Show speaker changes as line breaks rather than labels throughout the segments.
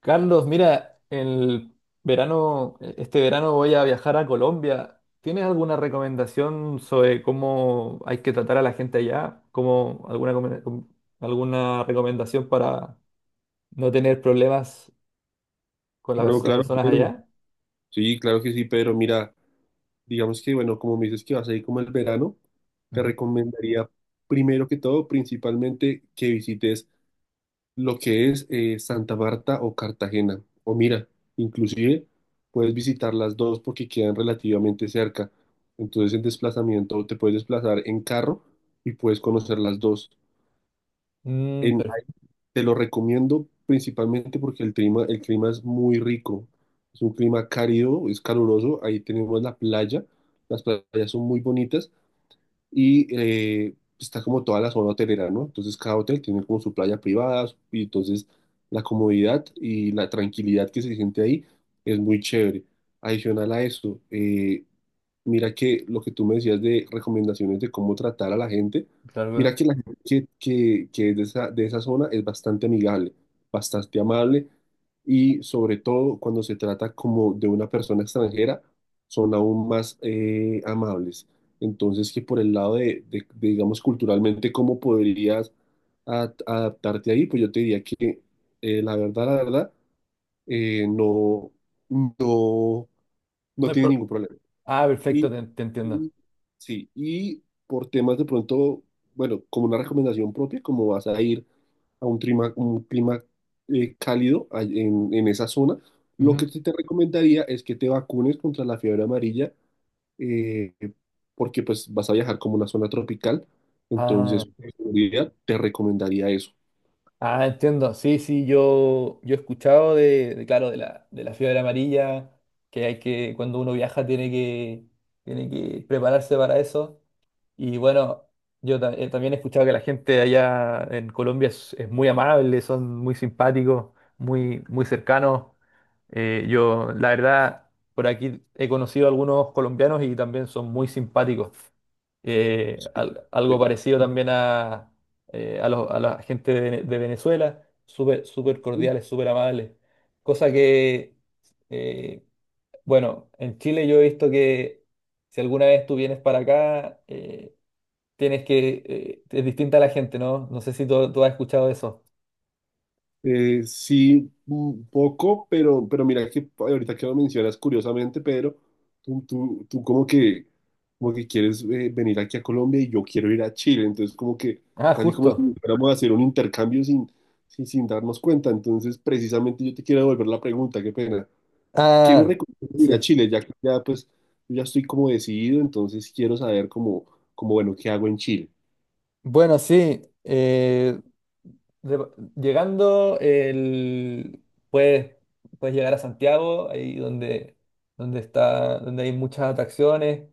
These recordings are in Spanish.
Carlos, mira, el verano, este verano voy a viajar a Colombia. ¿Tienes alguna recomendación sobre cómo hay que tratar a la gente allá? ¿Cómo alguna recomendación para no tener problemas con
Claro,
las
claro,
personas
pero
allá?
sí, claro que sí, pero mira, digamos que, bueno, como me dices que vas a ir como el verano, te
Ujú.
recomendaría primero que todo, principalmente, que visites lo que es Santa Marta o Cartagena. O mira, inclusive puedes visitar las dos porque quedan relativamente cerca. Entonces, en desplazamiento, te puedes desplazar en carro y puedes conocer las dos.
Mm,
En,
per-
Te lo recomiendo principalmente porque el clima es muy rico. Es un clima cálido, es caluroso. Ahí tenemos la playa. Las playas son muy bonitas y está como toda la zona hotelera, ¿no? Entonces cada hotel tiene como su playa privada y entonces la comodidad y la tranquilidad que se siente ahí es muy chévere. Adicional a eso, mira que lo que tú me decías de recomendaciones de cómo tratar a la gente,
claro,
mira
claro.
que la gente que es de esa zona es bastante amigable, bastante amable y sobre todo cuando se trata como de una persona extranjera, son aún más amables. Entonces que por el lado de, digamos, culturalmente, ¿cómo podrías adaptarte ahí? Pues yo te diría que la verdad, eh, no, no,
No
no
hay
tiene
pro-
ningún problema.
Ah, perfecto,
Y,
te entiendo.
y- sí, y por temas de pronto, bueno, como una recomendación propia, como vas a ir a un clima cálido en esa zona, lo
Ujú.
que sí te recomendaría es que te vacunes contra la fiebre amarilla, eh, porque pues vas a viajar como una zona tropical,
Ah.
entonces por seguridad te recomendaría eso.
Ah, entiendo. Sí, sí, yo he escuchado claro, de la fiebre amarilla, que hay que, cuando uno viaja tiene que prepararse para eso. Y bueno, también he escuchado que la gente allá en Colombia es muy amable, son muy simpáticos, muy cercanos. Yo, la verdad, por aquí he conocido a algunos colombianos y también son muy simpáticos.
Sí.
Algo
Eh,
parecido también a a la gente de, de Venezuela, súper cordiales, súper amables. Cosa que, eh, bueno, en Chile yo he visto que si alguna vez tú vienes para acá, es distinta a la gente, ¿no? No sé si tú has escuchado eso.
Sí, un poco, pero mira que ahorita que lo mencionas curiosamente, Pedro, tú como que quieres venir aquí a Colombia y yo quiero ir a Chile, entonces como que
Ah,
casi como si
justo.
fuéramos a hacer un intercambio sin, darnos cuenta. Entonces precisamente yo te quiero devolver la pregunta, qué pena. ¿Qué me
Ah,
recomiendas ir a
sí.
Chile? Ya que ya pues yo ya estoy como decidido, entonces quiero saber como, como bueno, ¿qué hago en Chile?
Bueno, sí. De- llegando, puedes, puedes llegar a Santiago, ahí donde, donde hay muchas atracciones.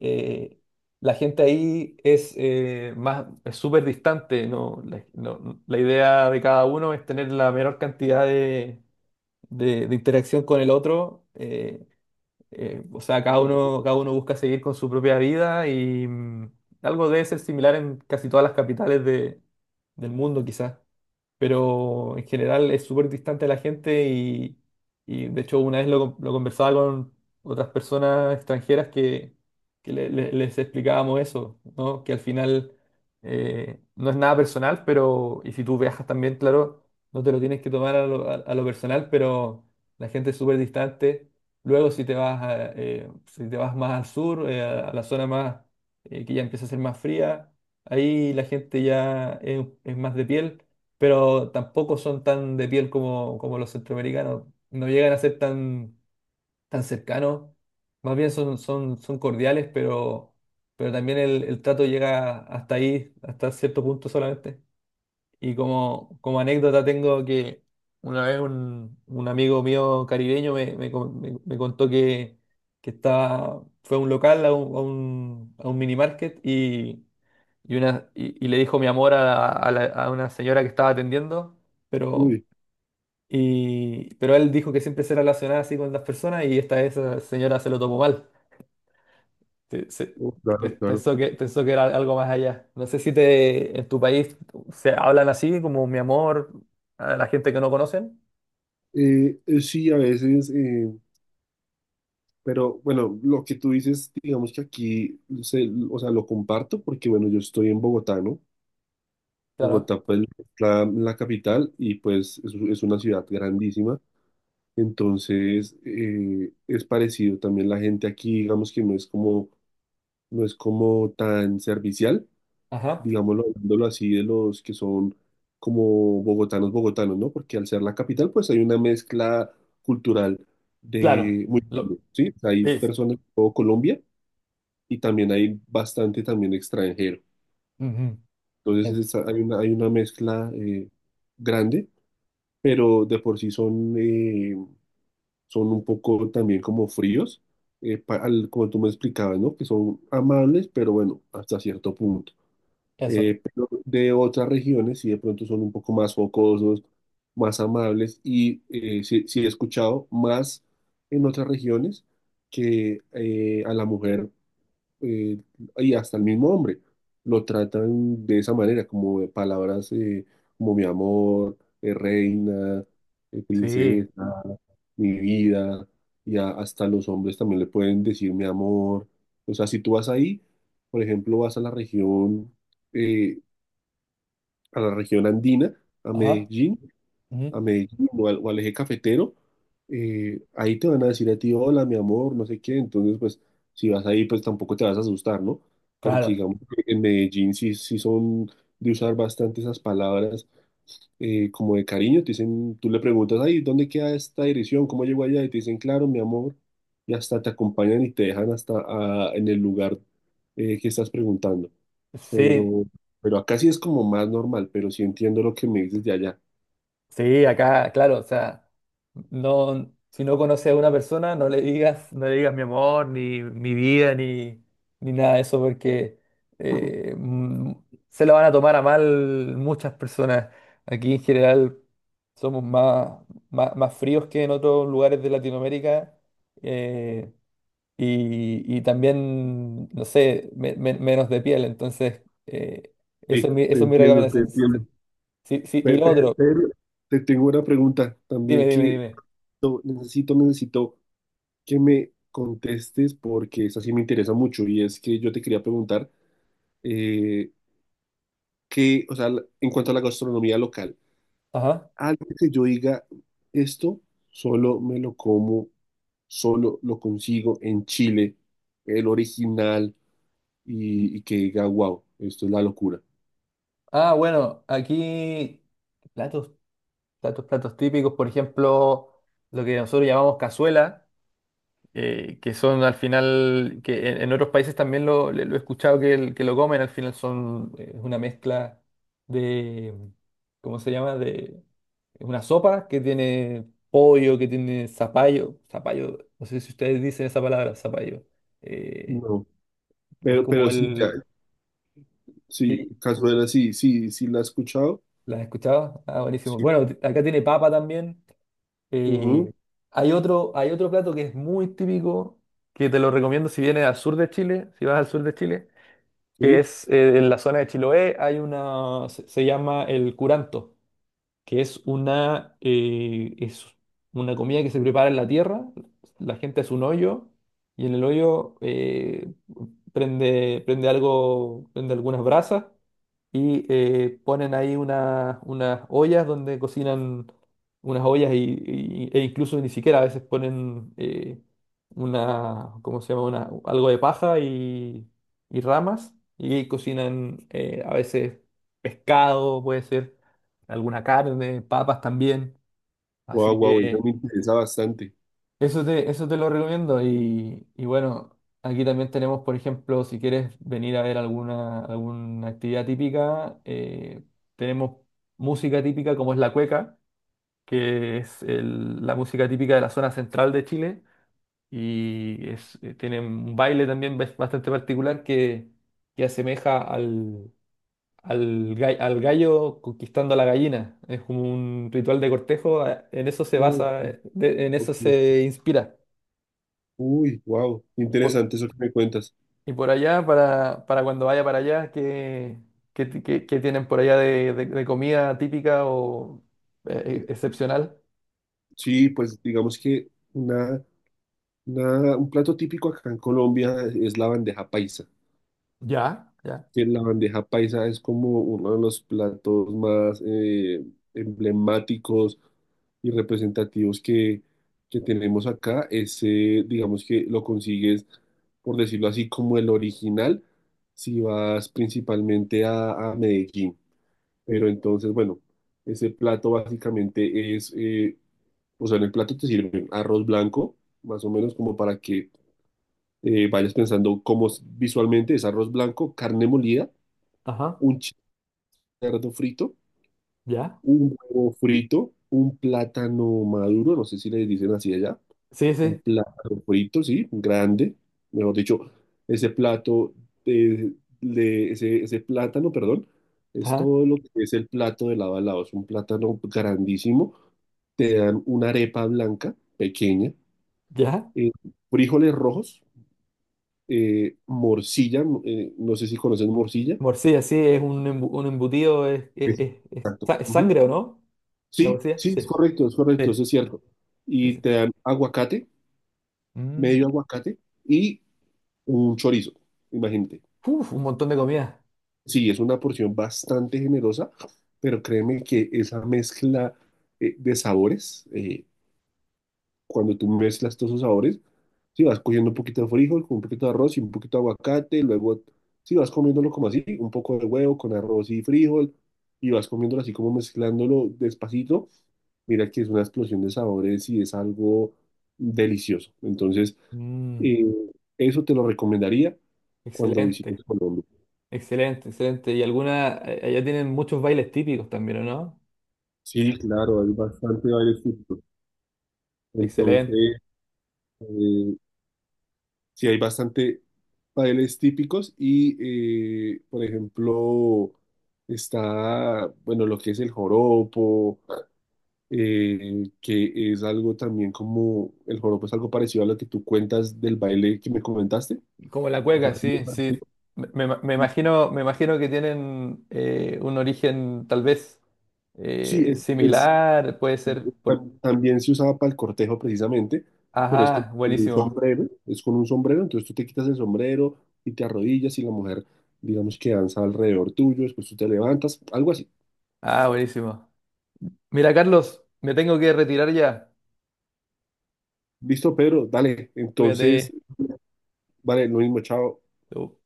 eh, la gente ahí es es súper distante, ¿no? La idea de cada uno es tener la menor cantidad de, de interacción con el otro. O sea, cada uno busca seguir con su propia vida y mm, algo debe ser similar en casi todas las capitales de, del mundo, quizás, pero en general es súper distante a la gente y de hecho una vez lo conversaba con otras personas extranjeras que les explicábamos eso, ¿no? Que al final, no es nada personal, pero y si tú viajas también, claro, no te lo tienes que tomar a lo, a lo personal, pero la gente es súper distante. Luego si te vas a, si te vas más al sur, a la zona más que ya empieza a ser más fría, ahí la gente ya es más de piel, pero tampoco son tan de piel como, como los centroamericanos. No llegan a ser tan cercanos. Más bien son cordiales, pero también el trato llega hasta ahí, hasta cierto punto solamente. Y como, como anécdota tengo que una vez un amigo mío caribeño me contó que estaba, fue a un local, a un minimarket, y le dijo mi amor a, a una señora que estaba atendiendo, pero,
Uy,
y, pero él dijo que siempre se relacionaba así con las personas y esta esa señora se lo tomó mal. Se- se-
oh, claro, claro.
Pensó pensó que era algo más allá. No sé si te, en tu país se hablan así, como mi amor, a la gente que no conocen.
Sí, a veces... pero bueno, lo que tú dices, digamos que aquí, o sea, lo comparto porque, bueno, yo estoy en Bogotá, ¿no?
Claro.
Bogotá, pues, la capital y pues es una ciudad grandísima. Entonces, es parecido también la gente aquí, digamos que no es como, no es como tan servicial,
Ajá.
digámoslo, hablándolo así, de los que son como bogotanos, bogotanos, ¿no? Porque al ser la capital, pues hay una mezcla cultural
Claro.
de muy grande,
Lo-
¿sí? Hay
Sí.
personas de todo Colombia y también hay bastante también extranjero.
Ujú.
Entonces
En-
hay una mezcla grande, pero de por sí son, son un poco también como fríos, como tú me explicabas, ¿no? Que son amables, pero bueno, hasta cierto punto.
Eso.
Pero de otras regiones sí de pronto son un poco más focosos, más amables y sí, sí he escuchado más en otras regiones que a la mujer eh, y hasta el mismo hombre lo tratan de esa manera, como de palabras como mi amor, reina,
Sí.
princesa, mi vida, y hasta los hombres también le pueden decir mi amor. O sea, si tú vas ahí, por ejemplo, vas eh, a la región andina, a
Ajá.
Medellín, a
Ujú.
Medellín o al eje cafetero, ahí te van a decir a ti, hola, mi amor, no sé qué. Entonces, pues, si vas ahí, pues tampoco te vas a asustar, ¿no? Porque
Claro.
digamos que en Medellín sí, sí son de usar bastante esas palabras como de cariño. Te dicen, tú le preguntas, ay, ¿dónde queda esta dirección? ¿Cómo llego allá? Y te dicen, claro, mi amor. Y hasta te acompañan y te dejan hasta en el lugar que estás preguntando.
Sí,
Pero, pero acá sí es como más normal, pero sí entiendo lo que me dices de allá.
sí, acá, claro, o sea, no, si no conoces a una persona, no le digas, no le digas mi amor, ni mi vida, ni, ni nada de eso, porque eh, mm, se lo van a tomar a mal muchas personas. Aquí en general somos más fríos que en otros lugares de Latinoamérica, eh, y también, no sé, menos de piel. Entonces,
Sí, te
eso es mi
entiendo, te
recomendación. Sí,
entiendo.
sí, sí, y lo otro,
Pero te tengo una pregunta
dime,
también
dime,
que
dime.
necesito, necesito que me contestes porque esa sí me interesa mucho y es que yo te quería preguntar eh, que, o sea, en cuanto a la gastronomía local,
Ajá.
algo que yo diga, esto solo me lo como, solo lo consigo en Chile, el original y que diga, wow, esto es la locura.
Ah, bueno, aquí platos, platos típicos, por ejemplo, lo que nosotros llamamos cazuela, que son al final, que en otros países también lo he escuchado que lo comen, al final son una mezcla de, ¿cómo se llama? De Es una sopa que tiene pollo, que tiene zapallo, no sé si ustedes dicen esa palabra, zapallo. eh,
No,
es como
pero sí,
el...
sí, Cazuela, sí, sí, sí la he escuchado.
¿Las has escuchado? Ah, buenísimo.
Sí,
Bueno, acá tiene papa también. Eh,
ujú,
hay otro plato que es muy típico, que te lo recomiendo si vienes al sur de Chile, si vas al sur de Chile, que
sí.
es en la zona de Chiloé, hay una, se llama el curanto, que es una comida que se prepara en la tierra, la gente hace un hoyo y en el hoyo prende algo, prende algunas brasas y ponen ahí unas ollas donde cocinan unas ollas y, e incluso ni siquiera a veces ponen una, ¿cómo se llama? Una, algo de paja y ramas y cocinan a veces pescado, puede ser alguna carne, papas también.
Wow,
Así
wow, esa
que
me interesa bastante.
eso te lo recomiendo. Y bueno, aquí también tenemos, por ejemplo, si quieres venir a ver alguna, alguna actividad típica, tenemos música típica como es la cueca, que es la música típica de la zona central de Chile. Y es, tiene un baile también bastante particular que asemeja al al gallo conquistando a la gallina. Es como un ritual de cortejo, en eso se
Ujú,
basa, en eso
ujú.
se inspira.
Uy, wow,
Por-
interesante eso que me cuentas.
y por allá, para cuando vaya para allá, ¿qué, qué tienen por allá de, de comida típica o excepcional?
Sí, pues digamos que una, un plato típico acá en Colombia es la bandeja paisa.
Ya, ya,
Que la bandeja paisa es como uno de los platos más emblemáticos y representativos que tenemos acá. Ese, digamos que lo consigues, por decirlo así, como el original, si vas principalmente a Medellín. Pero entonces, bueno, ese plato básicamente es, o sea, en el plato te sirven arroz blanco, más o menos como para que vayas pensando cómo es visualmente, es arroz blanco, carne molida,
ajá,
un cerdo frito,
ya.
un huevo frito, un plátano maduro, no sé si le dicen así allá,
Sí,
un
sí,
plátano frito, sí, grande, mejor dicho, ese plato, eh, ese, ese plátano, perdón, es
ajá,
todo lo que es el plato de lado a lado, es un plátano grandísimo, te dan una arepa blanca, pequeña,
ya.
eh, frijoles rojos, morcilla, no sé si conocen morcilla.
Morcilla, sí, es un, un embutido, es,
Sí. Exacto.
es sangre, ¿o no? La
Sí,
morcilla,
sí,
sí,
es correcto,
sí,
eso es cierto.
sí,
Y
sí.
te dan aguacate,
Mm.
medio aguacate y un chorizo, imagínate.
Uf, un montón de comida.
Sí, es una porción bastante generosa, pero créeme que esa mezcla de sabores, cuando tú mezclas todos esos sabores, si vas cogiendo un poquito de frijol, con un poquito de arroz y un poquito de aguacate, luego si vas comiéndolo como así, un poco de huevo con arroz y frijol, y vas comiéndolo así como mezclándolo despacito, mira que es una explosión de sabores y es algo delicioso. Entonces,
Mm,
eh, eso te lo recomendaría cuando
excelente,
visites Colombia.
excelente, excelente. Y alguna, allá tienen muchos bailes típicos también, ¿o no?
Sí, claro, hay bastante varios tipos.
Excelente.
Entonces, eh, sí, hay bastante bailes típicos y, por ejemplo, está, bueno, lo que es el joropo, que es algo también como, el joropo es algo parecido a lo que tú cuentas del baile que me comentaste.
Como la
Es
cueca,
algo muy
sí,
parecido.
sí. Me imagino, me imagino que tienen un origen tal vez
Sí,
similar, puede ser por...
también se usaba para el cortejo precisamente, pero es con
Ajá,
un
buenísimo.
sombrero, es con un sombrero, entonces tú te quitas el sombrero y te arrodillas y la mujer, digamos que danza alrededor tuyo, después tú te levantas, algo así.
Ah, buenísimo. Mira, Carlos, me tengo que retirar ya.
Listo, Pedro, dale. Entonces,
Cuídate.
vale, lo mismo, chao.
Chau.